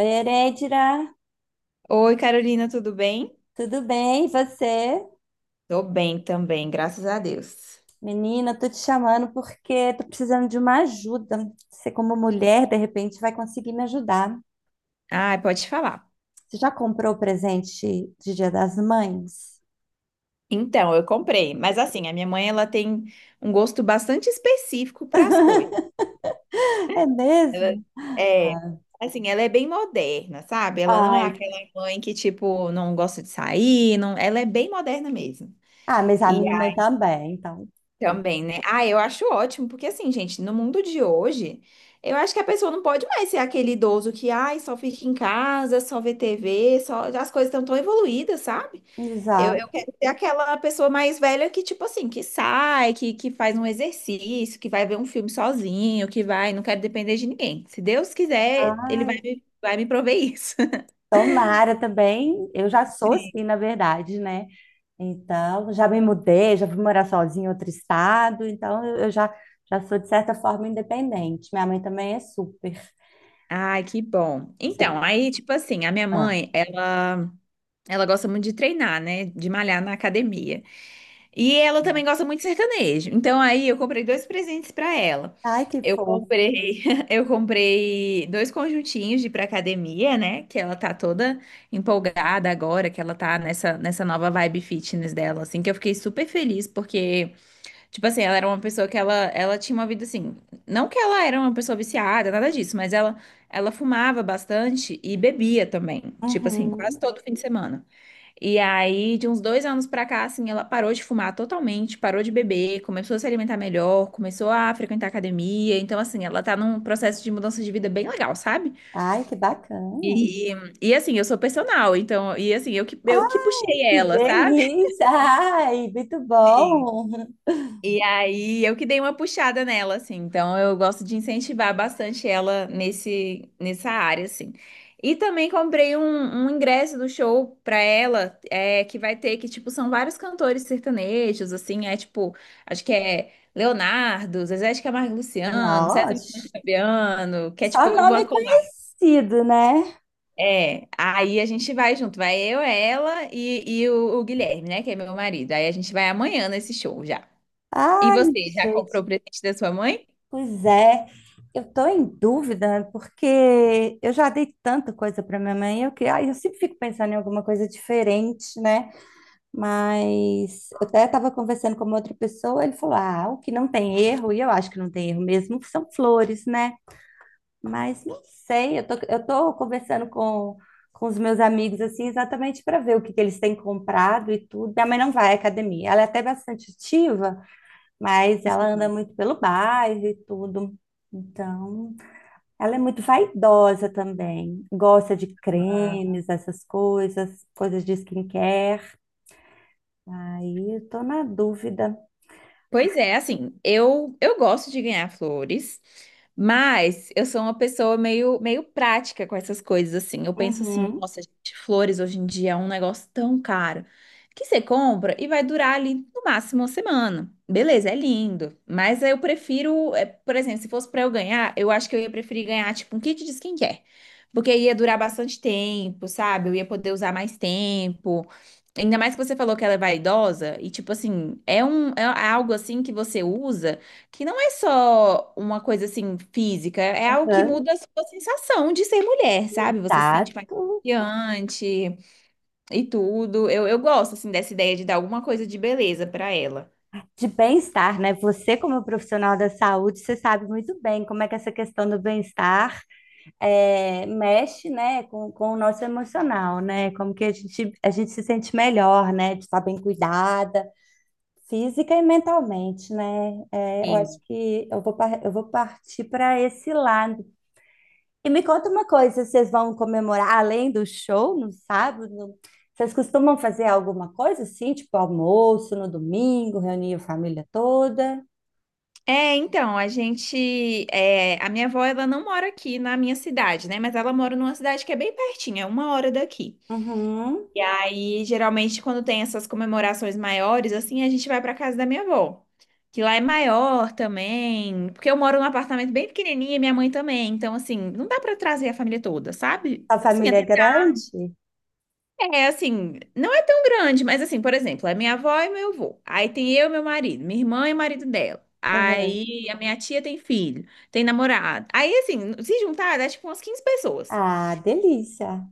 Oi, Eredira, Oi, Carolina, tudo bem? tudo bem? E você? Tô bem também, graças a Deus. Menina, tô te chamando porque tô precisando de uma ajuda. Você, como mulher, de repente vai conseguir me ajudar. Ah, pode falar. Você já comprou o presente de Dia das Mães? Então, eu comprei, mas assim, a minha mãe ela tem um gosto bastante específico para as coisas. É Ela mesmo? é, assim, ela é bem moderna, sabe? Ela não é Ai, aquela mãe que tipo não gosta de sair, não, ela é bem moderna mesmo. ah, mas a E minha mãe também, então. Bom. Também, né? Ah, eu acho ótimo, porque assim, gente, no mundo de hoje, eu acho que a pessoa não pode mais ser aquele idoso que, ai, só fica em casa, só vê TV. As coisas estão tão tão evoluídas, sabe? Eu Exato. quero ser aquela pessoa mais velha que, tipo assim, que sai, que faz um exercício, que vai ver um filme sozinho, não quero depender de ninguém. Se Deus quiser, ele vai, Ai, me- vai me prover isso. tomara também. Eu já sou assim, Sim. na verdade, né? Então, já me mudei, já fui morar sozinha em outro estado, então eu já, já sou, de certa forma, independente. Minha mãe também é super. Ai, que bom. Então, Você- aí, tipo assim, a minha ah. mãe, ela gosta muito de treinar, né? De malhar na academia. E ela também gosta muito de sertanejo. Então aí eu comprei dois presentes pra ela. Ai, que Eu fofo. comprei, eu comprei dois conjuntinhos de ir pra academia, né? Que ela tá toda empolgada agora, que ela tá nessa nova vibe fitness dela, assim, que eu fiquei super feliz, porque, tipo assim, ela era uma pessoa que ela tinha uma vida assim. Não que ela era uma pessoa viciada, nada disso, mas ela fumava bastante e bebia também. Tipo assim, quase Uhum. todo fim de semana. E aí, de uns 2 anos pra cá, assim, ela parou de fumar totalmente, parou de beber, começou a se alimentar melhor, começou a frequentar academia. Então, assim, ela tá num processo de mudança de vida bem legal, sabe? Ai, que bacana. E, e assim, eu sou personal, então, e assim, eu que Ai, puxei que ela, sabe? delícia. Ai, muito bom. E aí eu que dei uma puxada nela, assim. Então eu gosto de incentivar bastante ela nesse, nessa área, assim. E também comprei um ingresso do show pra ela, é, que vai ter, que, tipo, são vários cantores sertanejos, assim, é tipo, acho que é Leonardo, Zezé de Camargo e Luciano, César Menotti e Nossa, Fabiano, que é tipo só uma nome colada. conhecido, né? É, aí a gente vai junto, vai eu, ela e o Guilherme, né, que é meu marido. Aí a gente vai amanhã nesse show já. E Ai, você, já comprou gente. o presente da sua mãe? Pois é, eu estou em dúvida, né, porque eu já dei tanta coisa para minha mãe, eu que, ai, eu sempre fico pensando em alguma coisa diferente, né? Mas eu até estava conversando com uma outra pessoa, ele falou: "Ah, o que não tem erro", e eu acho que não tem erro mesmo, são flores, né? Mas não sei, eu tô conversando com os meus amigos assim exatamente para ver o que que eles têm comprado e tudo. Minha mãe não vai à academia, ela é até bastante ativa, mas ela anda Sim. muito pelo bairro e tudo. Então, ela é muito vaidosa também. Gosta de Ah, cremes, essas coisas, coisas de skincare. Aí eu tô na dúvida. pois é, assim, eu gosto de ganhar flores, mas eu sou uma pessoa meio prática com essas coisas, assim. Eu penso assim, Uhum, nossa, gente, flores hoje em dia é um negócio tão caro que você compra e vai durar ali no máximo uma semana. Beleza, é lindo, mas eu prefiro, é, por exemplo, se fosse pra eu ganhar, eu acho que eu ia preferir ganhar tipo um kit de skincare, porque ia durar bastante tempo, sabe? Eu ia poder usar mais tempo. Ainda mais que você falou que ela é vaidosa, e tipo assim, é algo assim que você usa que não é só uma coisa assim física, é algo que aham, muda a sua sensação de ser mulher, sabe? Você se sente mais exato. confiante e tudo. Eu gosto assim dessa ideia de dar alguma coisa de beleza pra ela. De bem-estar, né? Você, como profissional da saúde, você sabe muito bem como é que essa questão do bem-estar é, mexe, né, com, o nosso emocional, né? Como que a gente se sente melhor, né? De estar bem cuidada física e mentalmente, né? É, eu acho Sim. que eu vou, eu vou partir para esse lado. E me conta uma coisa, vocês vão comemorar além do show no sábado? Vocês costumam fazer alguma coisa assim, tipo almoço no domingo, reunir a família toda? É, então, a minha avó, ela não mora aqui na minha cidade, né? Mas ela mora numa cidade que é bem pertinho, é 1 hora daqui. Uhum. E aí, geralmente, quando tem essas comemorações maiores, assim, a gente vai pra casa da minha avó, que lá é maior também, porque eu moro num apartamento bem pequenininho e minha mãe também, então, assim, não dá pra trazer a família toda, sabe? A Assim, família é até grande? é, assim, não é tão grande, mas, assim, por exemplo, é minha avó e meu avô, aí tem eu e meu marido, minha irmã e o marido dela, aí a minha tia tem filho, tem namorado, aí, assim, se juntar, dá, tipo, umas 15 pessoas. Ah, delícia.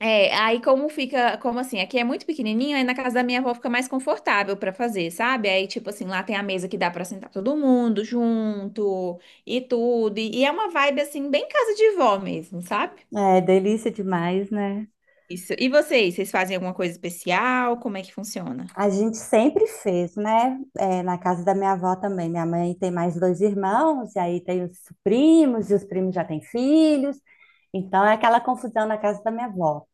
É, aí como fica, como assim, aqui é muito pequenininho, aí na casa da minha avó fica mais confortável pra fazer, sabe? Aí tipo assim, lá tem a mesa que dá pra sentar todo mundo junto e tudo, e é uma vibe assim bem casa de vó mesmo, sabe? É, delícia demais, né? Isso. E vocês fazem alguma coisa especial? Como é que funciona? A gente sempre fez, né? É, na casa da minha avó também. Minha mãe tem mais dois irmãos, e aí tem os primos, e os primos já têm filhos. Então é aquela confusão na casa da minha avó.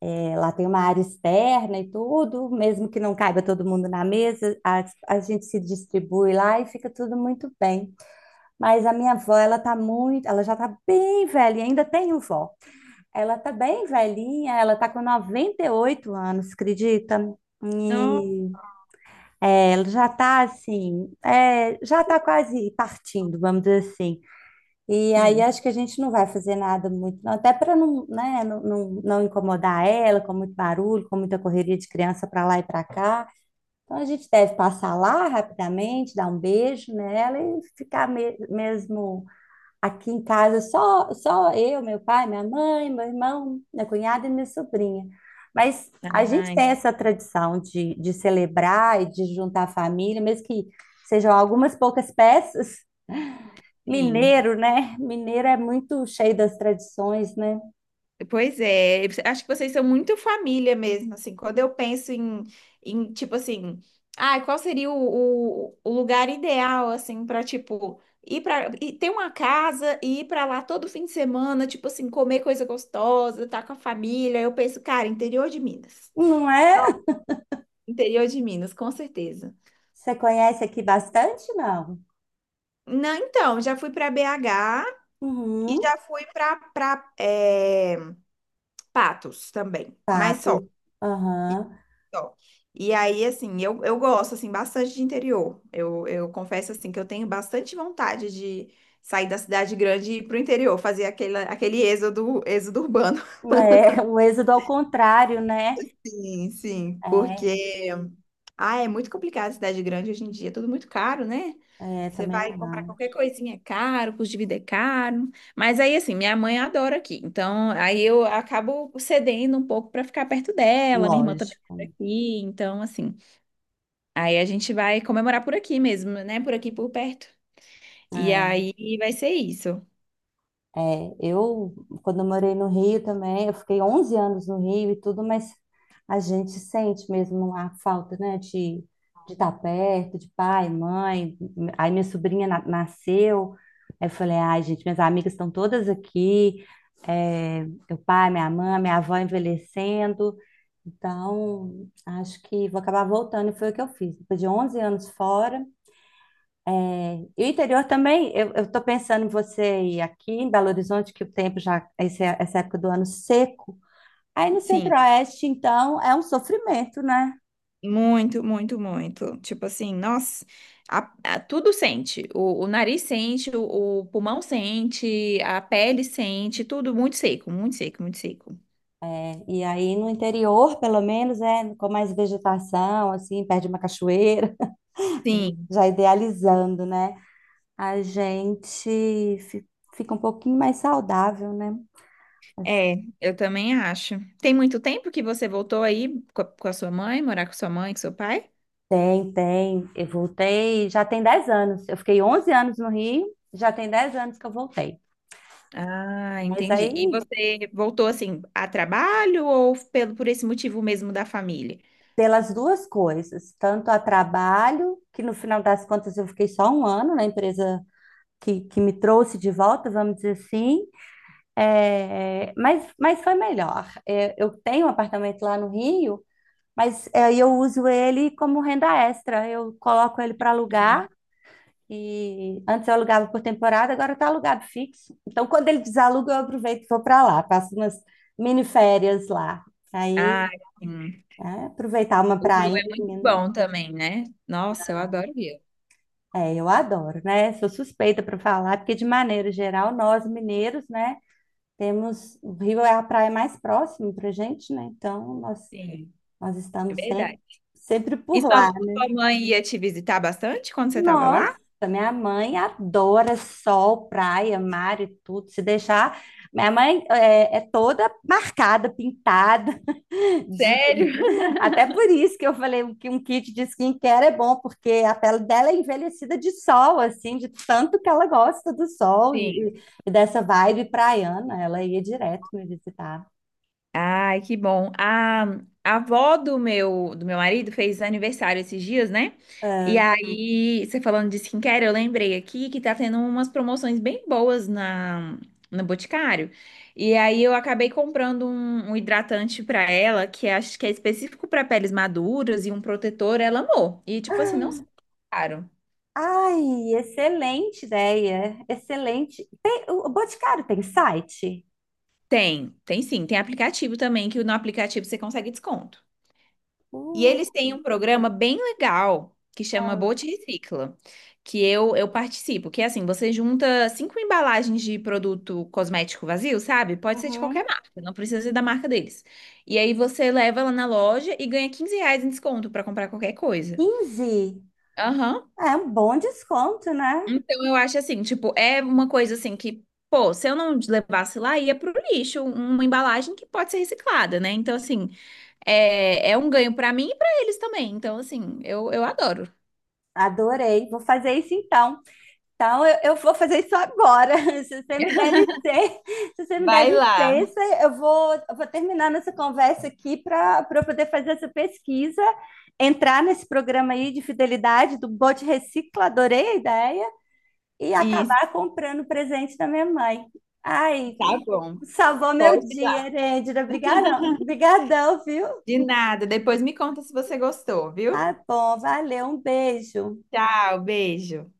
É, lá tem uma área externa e tudo, mesmo que não caiba todo mundo na mesa, a gente se distribui lá e fica tudo muito bem. Mas a minha avó, ela tá muito, ela já tá bem velha, ainda tenho vó. Ela tá bem velhinha, ela tá com 98 anos, acredita? Nossa, E é, ela já tá assim, é, já tá quase partindo, vamos dizer assim. E aí sim. acho que a gente não vai fazer nada muito, não, até para não, né, não incomodar ela com muito barulho, com muita correria de criança para lá e para cá. Então a gente deve passar lá rapidamente, dar um beijo nela e ficar mesmo. Aqui em casa só eu, meu pai, minha mãe, meu irmão, minha cunhada e minha sobrinha. Mas a gente Ah, tem essa tradição de celebrar e de juntar a família, mesmo que sejam algumas poucas peças. sim. Mineiro, né? Mineiro é muito cheio das tradições, né? Pois é, acho que vocês são muito família mesmo, assim, quando eu penso em, tipo assim, ah, qual seria o lugar ideal, assim, para tipo, ir para ter uma casa e ir para lá todo fim de semana, tipo assim, comer coisa gostosa, estar com a família, eu penso, cara, interior de Minas. Não Nossa, é? interior de Minas, com certeza. Você conhece aqui bastante, não? Não, então, já fui para BH e Uhum, já fui para Patos também, mas fato. só. Aham. Só. E aí, assim, eu gosto, assim, bastante de interior. Eu confesso, assim, que eu tenho bastante vontade de sair da cidade grande e ir pro interior, fazer aquele êxodo, êxodo urbano. É, o êxodo ao contrário, né? Sim, sim, É, porque... Ah, é muito complicado a cidade grande hoje em dia, é tudo muito caro, né? é Você também, vai comprar ah, qualquer coisinha é caro, custo de vida é caro. Mas aí, assim, minha mãe adora aqui. Então, aí eu acabo cedendo um pouco para ficar perto dela, minha irmã também mora lógico. aqui. Então, assim, aí a gente vai comemorar por aqui mesmo, né? Por aqui por perto. E É. aí vai ser isso. É, eu, quando eu morei no Rio também, eu fiquei 11 anos no Rio e tudo, mas a gente sente mesmo a falta, né, de estar perto, de pai, mãe. Aí minha sobrinha nasceu, aí eu falei, ai, gente, minhas amigas estão todas aqui, é, meu pai, minha mãe, minha avó envelhecendo. Então, acho que vou acabar voltando, e foi o que eu fiz. Depois de 11 anos fora, e o interior também, eu estou pensando em você ir aqui em Belo Horizonte, que o tempo já, essa época do ano seco. Aí no Sim, Centro-Oeste, então, é um sofrimento, né? muito, muito, muito. Tipo assim, nossa, tudo sente. O nariz sente, o pulmão sente, a pele sente, tudo muito seco, muito seco, muito seco. É, e aí no interior, pelo menos, é com mais vegetação, assim, perto de uma cachoeira, Sim, já idealizando, né? A gente fi- Fica um pouquinho mais saudável, né? é, eu também acho. Tem muito tempo que você voltou aí com a sua mãe, morar com sua mãe, com seu pai? Tem, tem. Eu voltei, já tem 10 anos. Eu fiquei 11 anos no Rio, já tem 10 anos que eu voltei. Ah, Mas entendi. E aí você voltou assim a trabalho ou pelo por esse motivo mesmo da família? pelas duas coisas, tanto a trabalho, que no final das contas eu fiquei só um ano na empresa que me trouxe de volta, vamos dizer assim, é, mas foi melhor. É, eu tenho um apartamento lá no Rio, mas é, eu uso ele como renda extra, eu coloco ele para alugar. Hum. E antes eu alugava por temporada, agora está alugado fixo. Então, quando ele desaluga, eu aproveito e vou para lá, passo umas mini férias lá. Aí, Ah, sim. é, aproveitar uma O Rio prainha, é muito né? bom também, né? Nossa, eu adoro o Rio. É, eu adoro, né? Sou suspeita para falar, porque de maneira geral, nós mineiros, né, temos o Rio é a praia mais próxima para gente, né? Então nós Sim. nós É estamos sempre verdade. sempre E por sua, lá. sua mãe ia te visitar bastante quando você estava Nossa, lá? minha mãe adora sol, praia, mar e tudo. Se deixar, minha mãe é, é toda marcada, pintada. De- Sério? Até por isso que eu falei que um kit de skincare é bom, porque a pele dela é envelhecida de sol, assim, de tanto que ela gosta do sol Sim. E dessa vibe praiana. Ela ia direto me visitar. Ai, que bom. A avó do meu marido fez aniversário esses dias, né? E aí, você falando de skincare, eu lembrei aqui que tá tendo umas promoções bem boas no Boticário. E aí eu acabei comprando um, hidratante pra ela, que é, acho que é específico pra peles maduras e um protetor, ela amou. E tipo assim, não são caro. Ai, excelente ideia, excelente. O Boticário tem site? Tem, tem sim, tem aplicativo também, que no aplicativo você consegue desconto. E Uh, eles têm um programa bem legal que chama ah, Bote Recicla, que eu participo, que é assim, você junta cinco embalagens de produto cosmético vazio, sabe? Pode ser de qualquer uhum. marca, não precisa ser da marca deles. E aí você leva lá na loja e ganha R$ 15 em desconto pra comprar qualquer coisa. 15? Aham. É um bom desconto, né? Então eu acho assim, tipo, é uma coisa assim que, pô, se eu não levasse lá, ia pro lixo, uma embalagem que pode ser reciclada, né? Então, assim, é um ganho pra mim e pra eles também. Então, assim, eu adoro. Adorei, vou fazer isso então. Então, eu vou fazer isso agora. Se você me der licença, Se você me der Vai lá. licença, eu vou terminar nossa conversa aqui para eu poder fazer essa pesquisa, entrar nesse programa aí de fidelidade do Bote Recicla, adorei a ideia, e Isso, acabar comprando o presente da minha mãe. Ai, tá bom. salvou meu Pode ir dia, lá. Herêndira. Obrigadão, obrigadão, viu? De nada. Depois me conta se você gostou, viu? Tá bom, valeu, um beijo. Tchau, beijo.